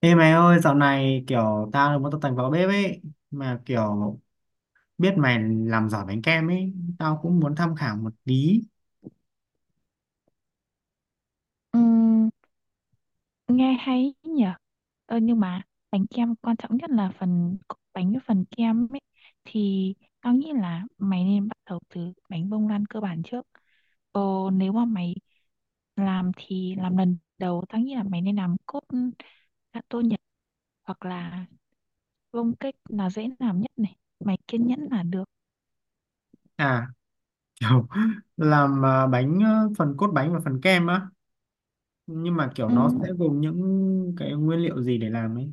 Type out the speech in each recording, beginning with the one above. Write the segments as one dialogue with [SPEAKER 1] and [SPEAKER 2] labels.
[SPEAKER 1] Ê mày ơi, dạo này kiểu tao muốn tập tành vào bếp ấy, mà kiểu biết mày làm giỏi bánh kem ấy, tao cũng muốn tham khảo một tí.
[SPEAKER 2] Ừm, nghe hay ý nhỉ. Nhưng mà bánh kem quan trọng nhất là phần bánh với phần kem ấy, thì tao nghĩ là mày nên bắt đầu từ bánh bông lan cơ bản trước. ờ, Nếu mà mày làm thì làm lần đầu, tao nghĩ là mày nên làm cốt gato Nhật, hoặc là bông cake là dễ làm nhất. Này, mày kiên nhẫn là được.
[SPEAKER 1] À, kiểu làm bánh, phần cốt bánh và phần kem á, nhưng mà kiểu nó sẽ
[SPEAKER 2] Ừm,
[SPEAKER 1] gồm những cái nguyên liệu gì để làm ấy.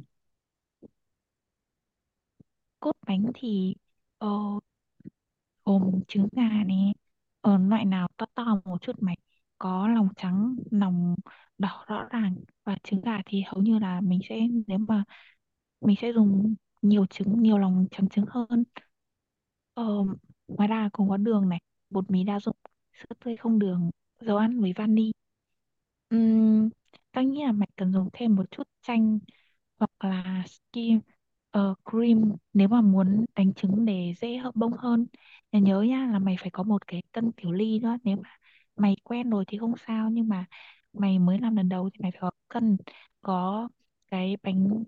[SPEAKER 2] Cốt bánh thì ờ, gồm trứng gà này, ở loại nào to to một chút. Mày có lòng trắng, lòng đỏ rõ ràng, và trứng gà thì hầu như là mình sẽ, nếu mà, mình sẽ dùng nhiều trứng, nhiều lòng trắng trứng hơn. ờ, Ngoài ra còn có đường này, bột mì đa dụng, sữa tươi không đường, dầu ăn với vani. Ừm, Tao nghĩ là mày cần dùng thêm một chút chanh, hoặc là skin, cream nếu mà muốn đánh trứng để dễ hợp bông hơn. Và nhớ nha, là mày phải có một cái cân tiểu ly nữa. Nếu mà mày quen rồi thì không sao, nhưng mà mày mới làm lần đầu thì mày phải có cân, có cái bánh,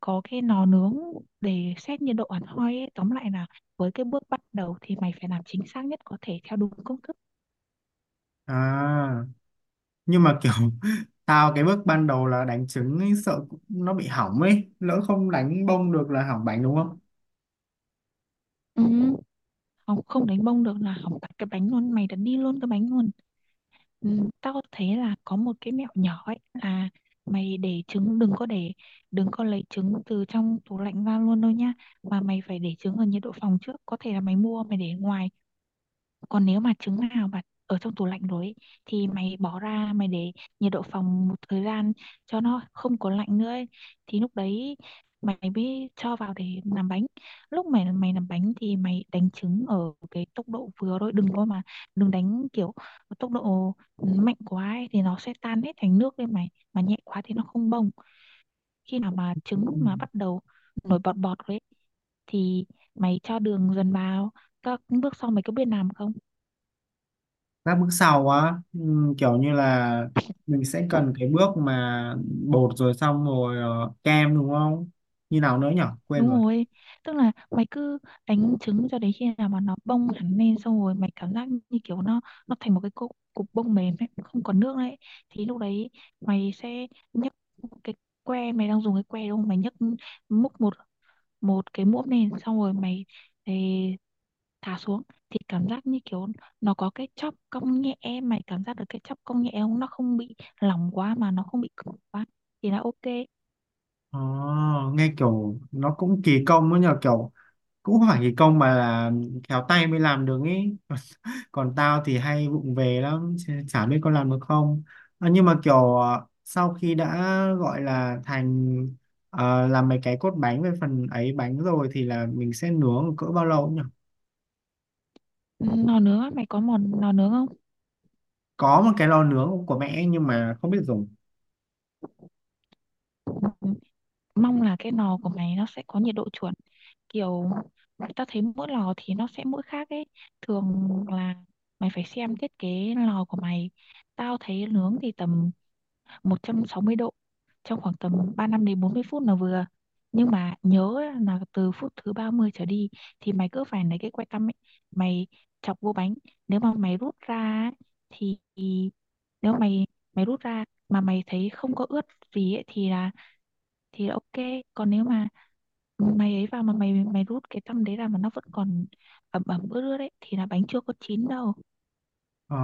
[SPEAKER 2] có cái lò nướng để xét nhiệt độ hẳn hoi ấy. Tóm lại là với cái bước bắt đầu thì mày phải làm chính xác nhất có thể theo đúng công thức.
[SPEAKER 1] À, nhưng mà kiểu tao cái bước ban đầu là đánh trứng ấy, sợ nó bị hỏng ấy, lỡ không đánh bông được là hỏng bánh đúng không?
[SPEAKER 2] Ừ. Học không đánh bông được là học tắt cái bánh luôn, mày đặt đi luôn cái bánh luôn. Ừ, tao thấy là có một cái mẹo nhỏ ấy, là mày để trứng, đừng có để, đừng có lấy trứng từ trong tủ lạnh ra luôn đâu nhá, mà mày phải để trứng ở nhiệt độ phòng trước. Có thể là mày mua mày để ngoài, còn nếu mà trứng nào mà ở trong tủ lạnh rồi ấy, thì mày bỏ ra mày để nhiệt độ phòng một thời gian cho nó không có lạnh nữa ấy. Thì lúc đấy mày mới cho vào để làm bánh. Lúc mày mày làm bánh thì mày đánh trứng ở cái tốc độ vừa thôi, đừng có mà đừng đánh kiểu tốc độ mạnh quá ấy, thì nó sẽ tan hết thành nước. Lên mày mà nhẹ quá thì nó không bông. Khi nào mà
[SPEAKER 1] Ừ.
[SPEAKER 2] trứng mà bắt đầu nổi bọt bọt rồi ấy, thì mày cho đường dần vào. Các bước sau mày có biết làm không?
[SPEAKER 1] Các bước sau á, kiểu như là mình sẽ cần cái bước mà bột rồi, xong rồi kem đúng không, như nào nữa nhở, quên rồi.
[SPEAKER 2] Đúng rồi, tức là mày cứ đánh trứng cho đến khi nào mà nó bông hẳn lên, xong rồi mày cảm giác như kiểu nó thành một cái cục cục bông mềm ấy, không còn nước đấy. Thì lúc đấy mày sẽ nhấc cái que, mày đang dùng cái que đúng không? Mày nhấc múc một một cái muỗng lên, xong rồi mày ấy, thả xuống, thì cảm giác như kiểu nó có cái chóp cong nhẹ. Mày cảm giác được cái chóp cong nhẹ không? Nó không bị lỏng quá mà nó không bị cứng quá, thì là ok.
[SPEAKER 1] Ồ, nghe kiểu nó cũng kỳ công ấy nhờ, kiểu cũng không phải kỳ công mà là khéo tay mới làm được ý. Còn tao thì hay vụng về lắm, chả biết có làm được không. À, nhưng mà kiểu sau khi đã gọi là thành làm mấy cái cốt bánh với phần ấy bánh rồi thì là mình sẽ nướng cỡ bao lâu nhỉ?
[SPEAKER 2] Nò nướng á, mày có món nò nướng không?
[SPEAKER 1] Có một cái lò nướng của mẹ nhưng mà không biết dùng.
[SPEAKER 2] Mong là cái lò của mày nó sẽ có nhiệt độ chuẩn, kiểu, ta thấy mỗi lò thì nó sẽ mỗi khác ấy. Thường là mày phải xem thiết kế lò của mày. Tao thấy nướng thì tầm 160 độ, trong khoảng tầm 35 đến 40 phút là vừa. Nhưng mà nhớ là từ phút thứ 30 trở đi thì mày cứ phải lấy cái que tăm ấy, mày chọc vô bánh. Nếu mà mày rút ra ấy, thì nếu mày mày rút ra mà mày thấy không có ướt gì ấy, thì là, thì là ok. Còn nếu mà mày ấy vào mà mày mày rút cái tăm đấy ra mà nó vẫn còn ẩm ẩm ướt ướt đấy, thì là bánh chưa có chín đâu.
[SPEAKER 1] Ờ,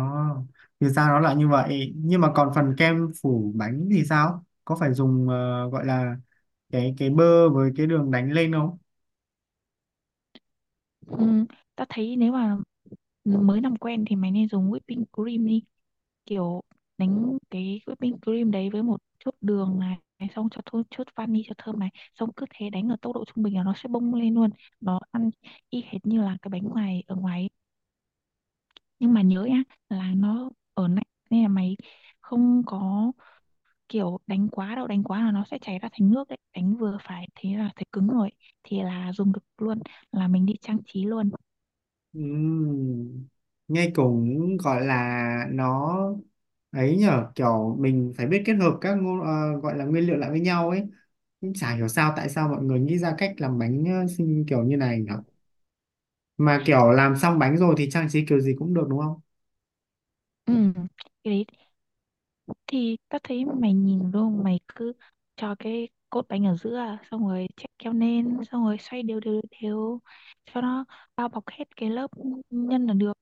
[SPEAKER 1] thì ra nó là như vậy, nhưng mà còn phần kem phủ bánh thì sao, có phải dùng gọi là cái bơ với cái đường đánh lên không?
[SPEAKER 2] Ừ, ta thấy nếu mà mới làm quen thì mày nên dùng whipping cream đi. Kiểu đánh cái whipping cream đấy với một chút đường này, xong cho thôi chút vani cho thơm này, xong cứ thế đánh ở tốc độ trung bình là nó sẽ bung lên luôn. Nó ăn y hệt như là cái bánh ngoài, ở ngoài ấy. Nhưng mà nhớ nhá, là nó ở lạnh nên là mày không có kiểu đánh quá đâu. Đánh quá là nó sẽ chảy ra thành nước đấy. Đánh vừa phải thế là thấy cứng rồi, thì là dùng được luôn, là mình đi trang trí luôn.
[SPEAKER 1] Ừm, nghe cũng gọi là nó ấy nhở, kiểu mình phải biết kết hợp các gọi là nguyên liệu lại với nhau ấy, cũng chả hiểu sao tại sao mọi người nghĩ ra cách làm bánh xinh kiểu như này nhở, mà kiểu làm xong bánh rồi thì trang trí kiểu gì cũng được đúng không?
[SPEAKER 2] Ừ. Cái đấy thì ta thấy mày nhìn luôn, mày cứ cho cái cốt bánh ở giữa, xong rồi chạy keo lên, xong rồi xoay đều đều đều cho nó bao bọc hết cái lớp nhân là được.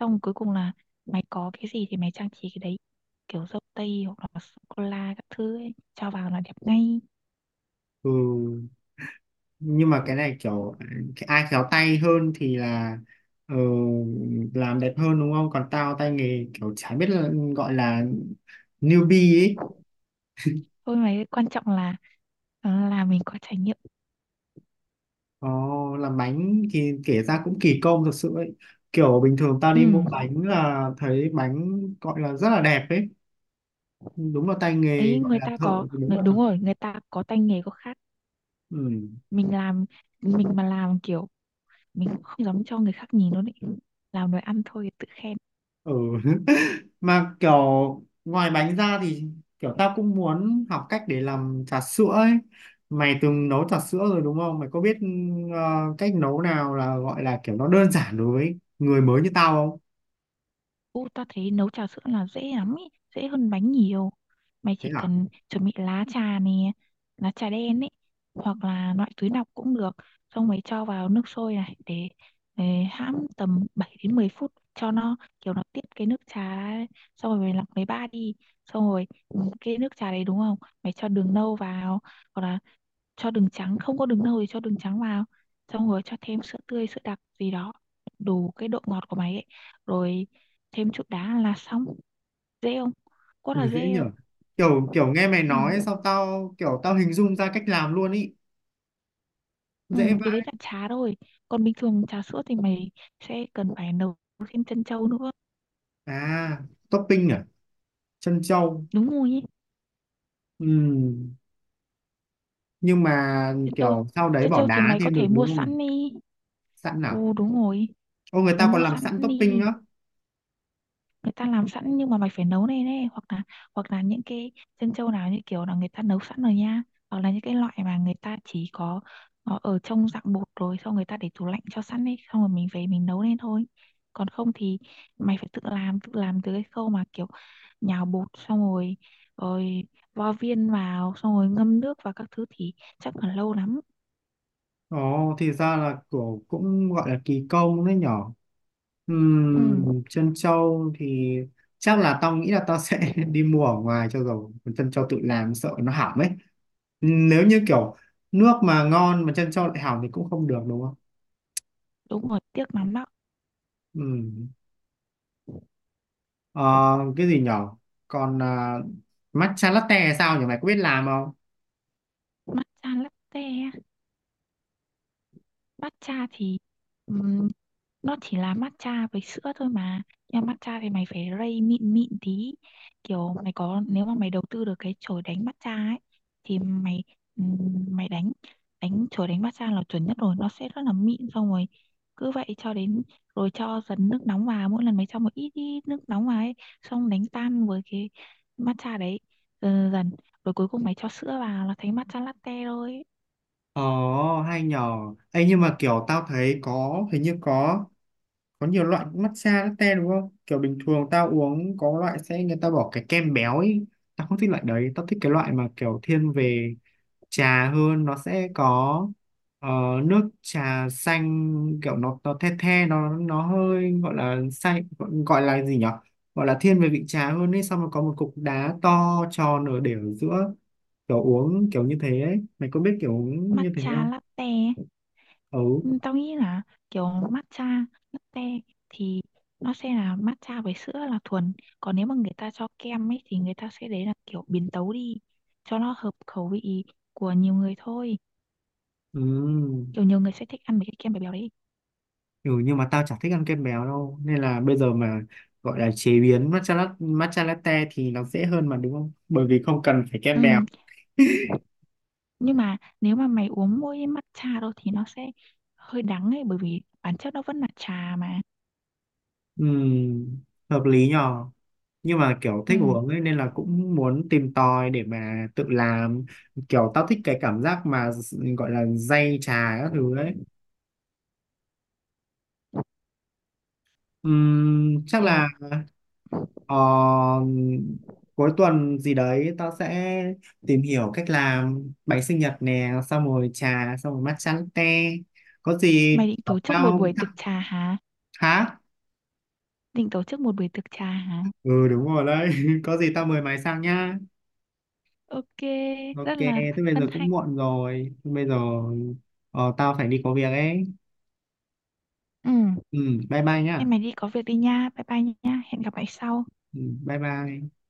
[SPEAKER 2] Xong cuối cùng là mày có cái gì thì mày trang trí cái đấy, kiểu dâu tây hoặc là sô cô la các thứ ấy, cho vào là đẹp ngay.
[SPEAKER 1] Ừ. Nhưng mà cái này kiểu ai khéo tay hơn thì là ờ, làm đẹp hơn đúng không, còn tao tay nghề kiểu chả biết là gọi là newbie ấy.
[SPEAKER 2] Thôi mà, quan trọng là là mình có trải nghiệm.
[SPEAKER 1] Ờ, làm bánh thì kể ra cũng kỳ công thực sự ấy, kiểu bình thường tao
[SPEAKER 2] Ừ,
[SPEAKER 1] đi mua bánh là thấy bánh gọi là rất là đẹp ấy, đúng là tay nghề
[SPEAKER 2] đấy,
[SPEAKER 1] gọi
[SPEAKER 2] người
[SPEAKER 1] là
[SPEAKER 2] ta
[SPEAKER 1] thợ,
[SPEAKER 2] có
[SPEAKER 1] thì đúng là thật.
[SPEAKER 2] đúng rồi, người ta có tay nghề có khác.
[SPEAKER 1] Ừ.
[SPEAKER 2] Mình làm, mình mà làm kiểu, mình không dám cho người khác nhìn luôn ấy. Làm đồ ăn thôi tự khen.
[SPEAKER 1] Ừ, mà kiểu ngoài bánh ra thì kiểu tao cũng muốn học cách để làm trà sữa ấy, mày từng nấu trà sữa rồi đúng không, mày có biết ờ, cách nấu nào là gọi là kiểu nó đơn giản đối với người mới như tao không?
[SPEAKER 2] Ô, ta thấy nấu trà sữa là dễ lắm ý, dễ hơn bánh nhiều. Mày
[SPEAKER 1] Thế
[SPEAKER 2] chỉ
[SPEAKER 1] à.
[SPEAKER 2] cần chuẩn bị lá trà nè, lá trà đen ấy, hoặc là loại túi lọc cũng được. Xong mày cho vào nước sôi này, để hãm tầm 7 đến 10 phút cho nó kiểu nó tiết cái nước trà ra ấy. Xong rồi mày lọc lấy ba đi. Xong rồi, ừ, cái nước trà đấy đúng không? Mày cho đường nâu vào, hoặc là cho đường trắng, không có đường nâu thì cho đường trắng vào, xong rồi cho thêm sữa tươi, sữa đặc gì đó đủ cái độ ngọt của mày ấy, rồi thêm chút đá là xong. Dễ không? Quá
[SPEAKER 1] Ừ,
[SPEAKER 2] là
[SPEAKER 1] dễ
[SPEAKER 2] dễ không?
[SPEAKER 1] nhở, kiểu kiểu nghe mày nói
[SPEAKER 2] Ừ.
[SPEAKER 1] sao tao kiểu tao hình dung ra cách làm luôn ý.
[SPEAKER 2] Ừ,
[SPEAKER 1] Dễ
[SPEAKER 2] cái đấy
[SPEAKER 1] vãi.
[SPEAKER 2] là trà thôi, còn bình thường trà sữa thì mày sẽ cần phải nấu thêm trân châu nữa.
[SPEAKER 1] À, topping à, trân châu.
[SPEAKER 2] Đúng rồi ý.
[SPEAKER 1] Ừ. Nhưng mà
[SPEAKER 2] Trân châu,
[SPEAKER 1] kiểu sau đấy
[SPEAKER 2] trân
[SPEAKER 1] bỏ
[SPEAKER 2] châu thì
[SPEAKER 1] đá
[SPEAKER 2] mày có
[SPEAKER 1] thêm được
[SPEAKER 2] thể
[SPEAKER 1] đúng
[SPEAKER 2] mua
[SPEAKER 1] không?
[SPEAKER 2] sẵn đi.
[SPEAKER 1] Sẵn
[SPEAKER 2] Ừ,
[SPEAKER 1] à.
[SPEAKER 2] đúng rồi,
[SPEAKER 1] Ô, người
[SPEAKER 2] mày
[SPEAKER 1] ta còn
[SPEAKER 2] mua
[SPEAKER 1] làm
[SPEAKER 2] sẵn
[SPEAKER 1] sẵn topping
[SPEAKER 2] đi.
[SPEAKER 1] á.
[SPEAKER 2] Người ta làm sẵn nhưng mà mày phải nấu lên đấy, hoặc là những cái chân trâu nào như kiểu là người ta nấu sẵn rồi nha, hoặc là những cái loại mà người ta chỉ có nó ở trong dạng bột, rồi xong người ta để tủ lạnh cho sẵn ấy, xong rồi mình về mình nấu lên thôi. Còn không thì mày phải tự làm, tự làm từ cái khâu mà kiểu nhào bột, xong rồi rồi vo viên vào, xong rồi ngâm nước và các thứ thì chắc là lâu lắm.
[SPEAKER 1] Ồ, thì ra là kiểu cũng gọi là kỳ công đấy nhỏ.
[SPEAKER 2] Ừ,
[SPEAKER 1] Chân trâu thì chắc là tao nghĩ là tao sẽ đi mua ở ngoài cho rồi. Còn chân trâu tự làm sợ nó hỏng ấy. Nếu như kiểu nước mà ngon mà chân trâu lại hỏng thì cũng không được đúng không?
[SPEAKER 2] đúng rồi, tiếc lắm đó.
[SPEAKER 1] Ừm. Ờ, cái gì nhỏ? Còn à, matcha latte hay sao nhỉ? Mày có biết làm không?
[SPEAKER 2] Mắt chan lắm tè. Matcha thì ừm, nó chỉ là matcha với sữa thôi mà. Nhưng mà matcha thì mày phải rây mịn mịn tí. Kiểu mày có, nếu mà mày đầu tư được cái chổi đánh matcha ấy, thì mày, ừm, mày đánh, đánh chổi đánh matcha là chuẩn nhất rồi. Nó sẽ rất là mịn, xong rồi cứ vậy cho đến, rồi cho dần nước nóng vào, mỗi lần mày cho một ít, ít nước nóng vào ấy, xong đánh tan với cái matcha đấy dần dần, rồi cuối cùng mày cho sữa vào là thành matcha latte rồi.
[SPEAKER 1] Ồ, hay nhỏ. Ê, nhưng mà kiểu tao thấy có, hình như có nhiều loại matcha latte đúng không, kiểu bình thường tao uống có loại sẽ người ta bỏ cái kem béo ấy, tao không thích loại đấy, tao thích cái loại mà kiểu thiên về trà hơn, nó sẽ có ờ, nước trà xanh, kiểu nó the the nó hơi gọi là xanh, gọi là gì nhở, gọi là thiên về vị trà hơn ấy, xong rồi có một cục đá to tròn để ở giữa, kiểu uống kiểu như thế ấy, mày có biết kiểu uống như thế
[SPEAKER 2] Matcha
[SPEAKER 1] không?
[SPEAKER 2] latte.
[SPEAKER 1] Ừ.
[SPEAKER 2] Ừ, tao nghĩ là kiểu matcha, latte thì nó sẽ là matcha với sữa là thuần. Còn nếu mà người ta cho kem ấy thì người ta sẽ, đấy là kiểu biến tấu đi cho nó hợp khẩu vị của nhiều người thôi.
[SPEAKER 1] Ừ.
[SPEAKER 2] Kiểu nhiều người sẽ thích ăn với cái kem béo béo đấy.
[SPEAKER 1] Ừ, nhưng mà tao chả thích ăn kem béo đâu nên là bây giờ mà gọi là chế biến matcha latte thì nó dễ hơn mà đúng không, bởi vì không cần phải kem béo.
[SPEAKER 2] Ừ, nhưng mà nếu mà mày uống mỗi matcha đâu thì nó sẽ hơi đắng ấy, bởi vì bản chất nó vẫn là trà mà.
[SPEAKER 1] Ừm, hợp lý nhờ, nhưng mà kiểu
[SPEAKER 2] Ừ,
[SPEAKER 1] thích uống ấy nên là cũng muốn tìm tòi để mà tự làm, kiểu tao thích cái cảm giác mà gọi là day trà các thứ ấy. Chắc
[SPEAKER 2] kiểu
[SPEAKER 1] là. Ờ, cuối tuần gì đấy tao sẽ tìm hiểu cách làm bánh sinh nhật nè, xong rồi trà, xong rồi matcha latte. Có gì
[SPEAKER 2] mày định tổ chức một
[SPEAKER 1] tao
[SPEAKER 2] buổi
[SPEAKER 1] thắc.
[SPEAKER 2] tiệc trà hả?
[SPEAKER 1] Hả?
[SPEAKER 2] Định tổ chức một buổi tiệc trà hả?
[SPEAKER 1] Ừ, đúng rồi đấy. Có gì tao mời mày sang nhá.
[SPEAKER 2] Ok,
[SPEAKER 1] Ok,
[SPEAKER 2] rất là
[SPEAKER 1] thế bây
[SPEAKER 2] hân
[SPEAKER 1] giờ cũng
[SPEAKER 2] hạnh.
[SPEAKER 1] muộn rồi. Thế bây giờ tao phải đi có việc ấy.
[SPEAKER 2] Ừ.
[SPEAKER 1] Ừ, bye bye nhá.
[SPEAKER 2] Em mày đi có việc đi nha. Bye bye nha. Hẹn gặp lại sau.
[SPEAKER 1] Ừ, bye bye.